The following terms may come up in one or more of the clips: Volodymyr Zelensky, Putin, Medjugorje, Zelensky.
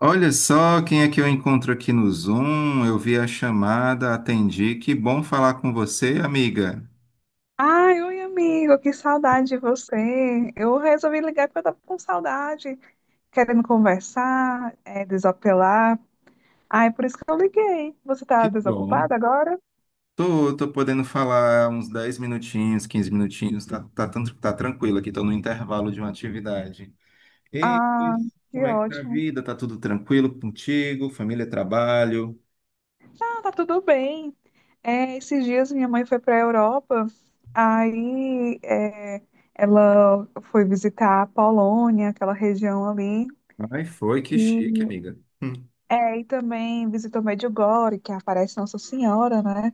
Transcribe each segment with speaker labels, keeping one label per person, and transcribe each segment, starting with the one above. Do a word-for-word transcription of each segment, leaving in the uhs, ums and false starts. Speaker 1: Olha só quem é que eu encontro aqui no Zoom. Eu vi a chamada, atendi. Que bom falar com você, amiga.
Speaker 2: Ai, oi, amigo, que saudade de você. Eu resolvi ligar porque eu tava com saudade, querendo conversar, é, desapelar. Ai, por isso que eu liguei. Você tá
Speaker 1: Que bom.
Speaker 2: desocupada agora?
Speaker 1: Tô, tô podendo falar uns dez minutinhos, quinze minutinhos. Tá, tá, tran- tá tranquilo aqui, tô no intervalo de uma atividade. E
Speaker 2: Ah,
Speaker 1: como
Speaker 2: que
Speaker 1: é que tá a
Speaker 2: ótimo.
Speaker 1: vida? Tá tudo tranquilo contigo? Família, trabalho?
Speaker 2: Ah, tá tudo bem. É, esses dias minha mãe foi para a Europa, aí é, ela foi visitar a Polônia, aquela região ali.
Speaker 1: Ai, foi, que chique,
Speaker 2: E,
Speaker 1: amiga. Hum.
Speaker 2: é, e também visitou Medjugorje, que aparece Nossa Senhora, né?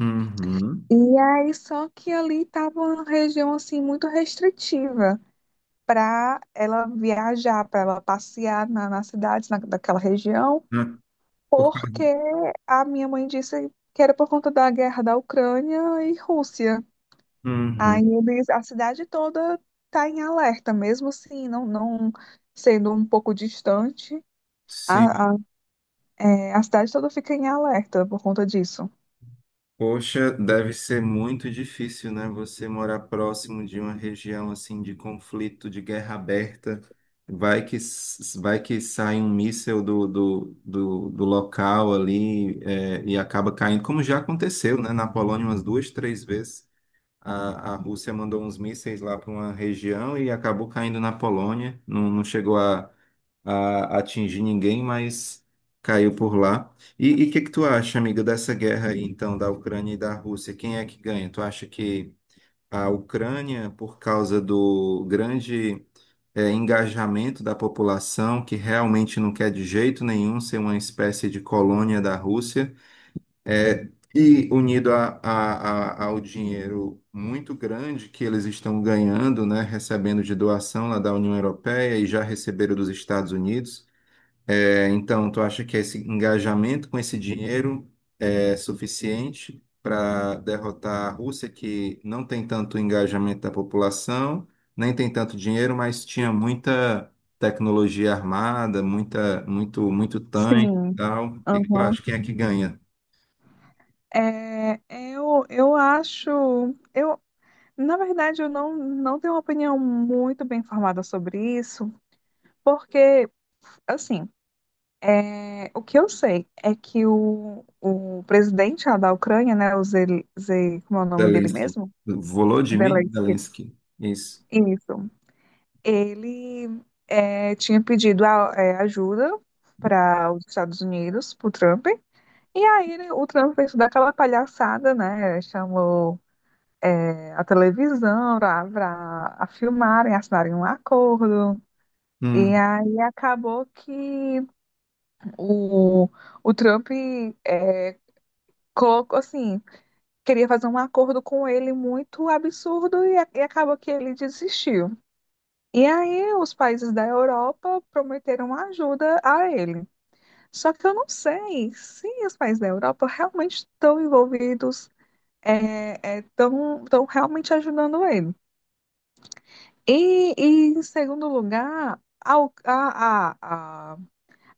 Speaker 1: Uhum.
Speaker 2: E aí, só que ali estava uma região assim muito restritiva para ela viajar, para ela passear na, na cidade, na, daquela região,
Speaker 1: Ah, por-
Speaker 2: porque a minha mãe disse que era por conta da guerra da Ucrânia e Rússia. Aí
Speaker 1: Uhum.
Speaker 2: eles, a cidade toda está em alerta, mesmo assim, não, não sendo um pouco distante,
Speaker 1: Sim.
Speaker 2: a, a, é, a cidade toda fica em alerta por conta disso.
Speaker 1: Poxa, deve ser muito difícil, né? Você morar próximo de uma região assim de conflito, de guerra aberta. Vai que, s- vai que sai um míssil do, do, do, do local ali, é, e acaba caindo, como já aconteceu, né? Na Polônia umas duas, três vezes. A, a Rússia mandou uns mísseis lá para uma região e acabou caindo na Polônia. Não, não chegou a, a atingir ninguém, mas caiu por lá. E o que que tu acha, amiga, dessa guerra aí, então, da Ucrânia e da Rússia? Quem é que ganha? Tu acha que a Ucrânia, por causa do grande eh, engajamento da população, que realmente não quer de jeito nenhum ser uma espécie de colônia da Rússia, é, e unido a, a- a- ao dinheiro muito grande que eles estão ganhando, né, recebendo de doação lá da União Europeia e já receberam dos Estados Unidos. É, então, tu acha que esse engajamento com esse dinheiro é suficiente para derrotar a Rússia, que não tem tanto engajamento da população, nem tem tanto dinheiro, mas tinha muita tecnologia armada, muita, muito, muito tanque e
Speaker 2: Sim.
Speaker 1: tal. O que que tu
Speaker 2: Aham.
Speaker 1: acha? Quem é que ganha?
Speaker 2: É, é, eu, eu acho, eu, na verdade, eu não, não tenho uma opinião muito bem formada sobre isso, porque, assim, é, o que eu sei é que o, o presidente lá da Ucrânia, né, o Zel, Ze- como é o nome dele
Speaker 1: Zelensky.
Speaker 2: mesmo?
Speaker 1: Volodymyr
Speaker 2: Zelensky.
Speaker 1: Zelensky. Isso.
Speaker 2: Isso. Ele é, tinha pedido a- é, ajuda para os Estados Unidos, para o Trump. E aí ele- o Trump fez toda aquela palhaçada, né? Chamou é, a televisão para a filmarem, assinarem um acordo. E
Speaker 1: Hum,
Speaker 2: aí acabou que o, o Trump é, Coco, assim, queria fazer um acordo com ele muito absurdo e, a- e acabou que ele desistiu. E aí os países da Europa prometeram ajuda a ele. Só que eu não sei se os países da Europa realmente estão envolvidos, é, estão, estão realmente ajudando ele. E, e, em segundo lugar, a, U- a, a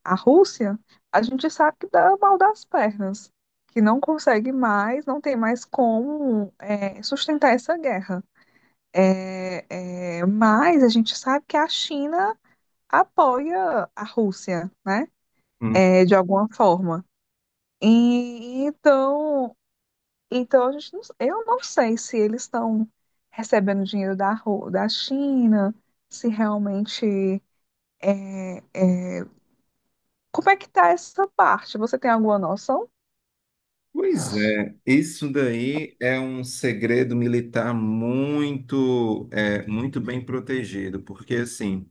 Speaker 2: a Rússia, a gente sabe que dá mal das pernas, que não consegue mais, não tem mais como é, sustentar essa guerra. É, é, mas a gente sabe que a China apoia a Rússia, né?
Speaker 1: hum.
Speaker 2: É, de alguma forma. E, então, então a gente não- eu não sei se eles estão recebendo dinheiro da, Ru- da China, se realmente. é, Como é que tá essa parte? Você tem alguma noção?
Speaker 1: Pois é, isso daí é um segredo militar muito, é, muito bem protegido, porque assim,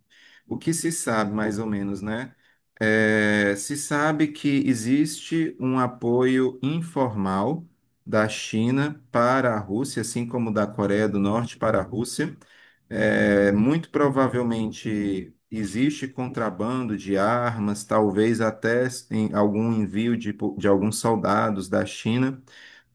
Speaker 1: o que se sabe mais ou menos, né? É, se sabe que existe um apoio informal da China para a Rússia, assim como da Coreia do Norte para a Rússia. É, muito provavelmente existe contrabando de armas, talvez até em algum envio de, po- de alguns soldados da China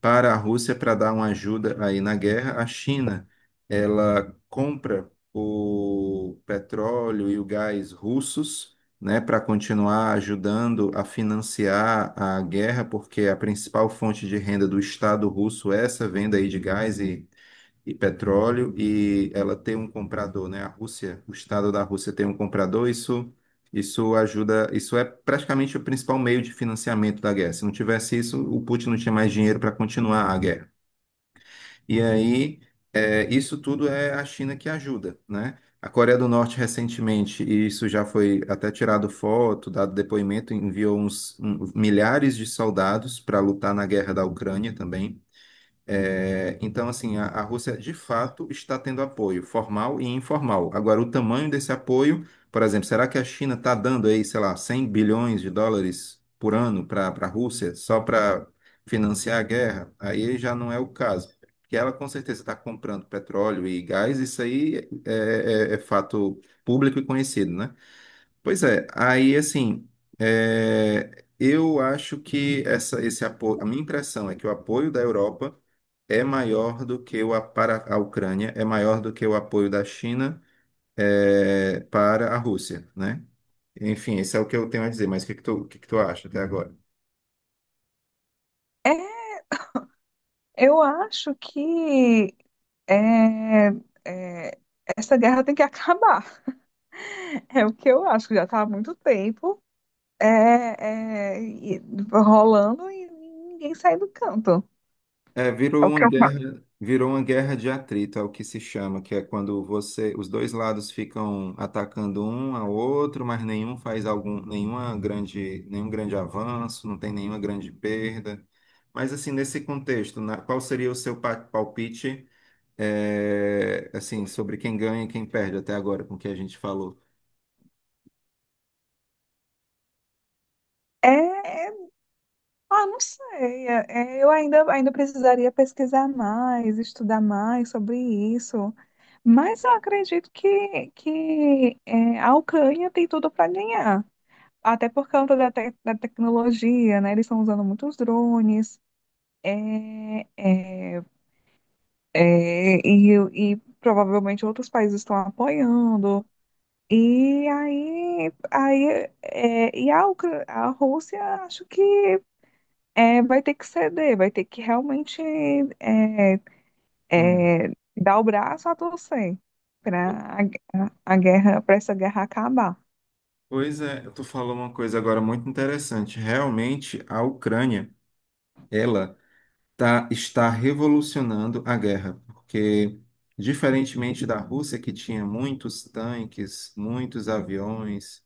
Speaker 1: para a Rússia para dar uma ajuda aí na guerra. A China, ela compra o petróleo e o gás russos, né, para continuar ajudando a financiar a guerra, porque a principal fonte de renda do Estado russo é essa venda aí de gás e petróleo e ela tem um comprador, né? A Rússia, o Estado da Rússia tem um comprador, isso isso ajuda, isso é praticamente o principal meio de financiamento da guerra. Se não tivesse isso, o Putin não tinha mais dinheiro para continuar a guerra. E aí, é, isso tudo é a China que ajuda, né? A Coreia do Norte recentemente, e isso já foi até tirado foto, dado depoimento, enviou uns um, milhares de soldados para lutar na guerra da Ucrânia também. É, então, assim, a, a Rússia de fato está tendo apoio formal e informal. Agora, o tamanho desse apoio, por exemplo, será que a China está dando aí, sei lá, cem bilhões de dólares por ano para a Rússia só para financiar a guerra? Aí já não é o caso. Que ela com certeza está comprando petróleo e gás, isso aí é, é é fato público e conhecido, né? Pois é, aí assim, é, eu acho que essa, esse apoio, a minha impressão é que o apoio da Europa é maior do que o a- para a Ucrânia, é maior do que o apoio da China, é, para a Rússia, né? Enfim, esse é o que eu tenho a dizer, mas o que que tu, o que que tu acha até agora?
Speaker 2: Eu acho que é, é, essa guerra tem que acabar. É o que eu acho, que já está há muito tempo é, é, e- rolando e ninguém sai do canto.
Speaker 1: É,
Speaker 2: É
Speaker 1: virou
Speaker 2: o
Speaker 1: uma
Speaker 2: que eu acho.
Speaker 1: guerra, virou uma guerra de atrito, é o que se chama, que é quando você, os dois lados ficam atacando um ao outro, mas nenhum faz algum, nenhuma grande, nenhum grande avanço, não tem nenhuma grande perda. Mas assim, nesse contexto, na- qual seria o seu pa- palpite, é, assim, sobre quem ganha e quem perde até agora com o que a gente falou?
Speaker 2: É, ah, não sei. É, é, eu ainda, ainda precisaria pesquisar mais, estudar mais sobre isso. Mas eu acredito que, que é, a Ucrânia tem tudo para ganhar. Até por conta da, te- da tecnologia, né? Eles estão usando muitos drones. É, é, é, e, e provavelmente outros países estão apoiando. E aí, aí é, e a, Ucra- A Rússia acho que é, vai ter que ceder, vai ter que realmente é,
Speaker 1: Hum.
Speaker 2: é, dar o braço a torcer para a, a guerra, para essa guerra acabar.
Speaker 1: Pois é, tu falou uma coisa agora muito interessante. Realmente, a Ucrânia, ela tá, está revolucionando a guerra, porque, diferentemente da Rússia, que tinha muitos tanques, muitos aviões,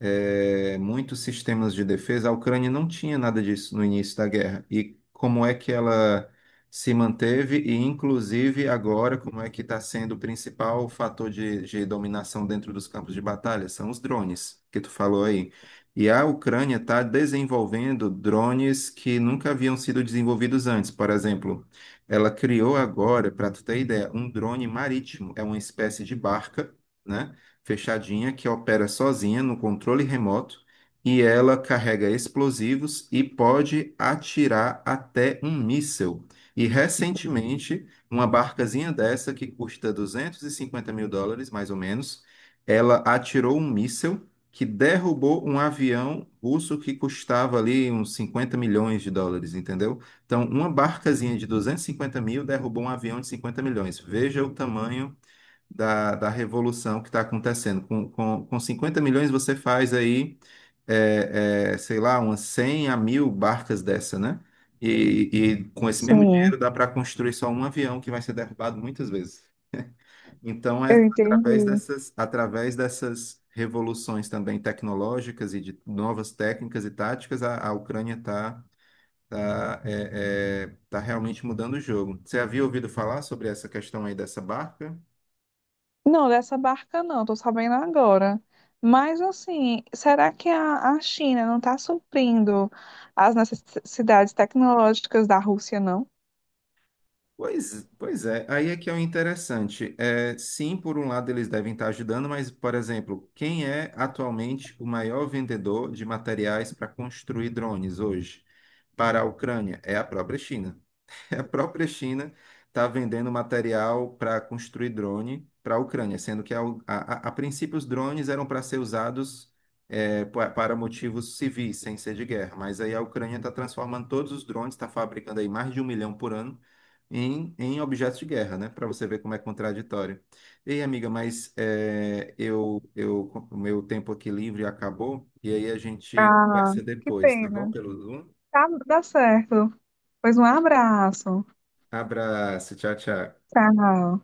Speaker 1: é, muitos sistemas de defesa. A Ucrânia não tinha nada disso no início da guerra. E como é que ela se manteve e, inclusive, agora, como é que está sendo o principal fator de, de dominação dentro dos campos de batalha? São os drones, que tu falou aí. E a Ucrânia está desenvolvendo drones que nunca haviam sido desenvolvidos antes. Por exemplo, ela criou agora, para tu ter ideia, um drone marítimo. É uma espécie de barca, né, fechadinha, que opera sozinha no controle remoto e ela carrega explosivos e pode atirar até um míssil. E recentemente, uma barcazinha dessa que custa duzentos e cinquenta mil dólares, mais ou menos, ela atirou um míssil que derrubou um avião russo que custava ali uns cinquenta milhões de dólares, entendeu? Então, uma barcazinha de duzentos e cinquenta mil derrubou um avião de cinquenta milhões. Veja o tamanho da, da revolução que está acontecendo. Com, com, com cinquenta milhões você faz aí, é, é, sei lá, umas cem a mil barcas dessa, né? E, e com esse mesmo
Speaker 2: Sim,
Speaker 1: dinheiro dá para construir só um avião que vai ser derrubado muitas vezes. Então é
Speaker 2: eu
Speaker 1: através
Speaker 2: entendi.
Speaker 1: dessas, através dessas revoluções também tecnológicas e de novas técnicas e táticas, a, a Ucrânia está tá, tá, é, é, tá realmente mudando o jogo. Você havia ouvido falar sobre essa questão aí dessa barca?
Speaker 2: Não, dessa barca não, tô sabendo agora. Mas assim, será que a, a China não está suprindo as necessidades tecnológicas da Rússia, não?
Speaker 1: Pois, pois é, aí é que é o interessante. É, sim, por um lado eles devem estar ajudando, mas, por exemplo, quem é atualmente o maior vendedor de materiais para construir drones hoje para a Ucrânia? É a própria China. A própria China está vendendo material para construir drone para a Ucrânia, sendo que a, a, a princípio os drones eram para ser usados eh, pa- para motivos civis, sem ser de guerra. Mas aí a Ucrânia está transformando todos os drones, está fabricando aí mais de um milhão por ano em, em objetos de guerra, né? Para você ver como é contraditório. Ei, amiga, mas eh, eu, eu, o meu tempo aqui livre acabou, e aí a gente
Speaker 2: Ah,
Speaker 1: conversa
Speaker 2: que
Speaker 1: depois, tá bom?
Speaker 2: pena.
Speaker 1: Pelo Zoom.
Speaker 2: Tá, dá certo. Pois um abraço.
Speaker 1: Abraço, tchau, tchau.
Speaker 2: Tchau.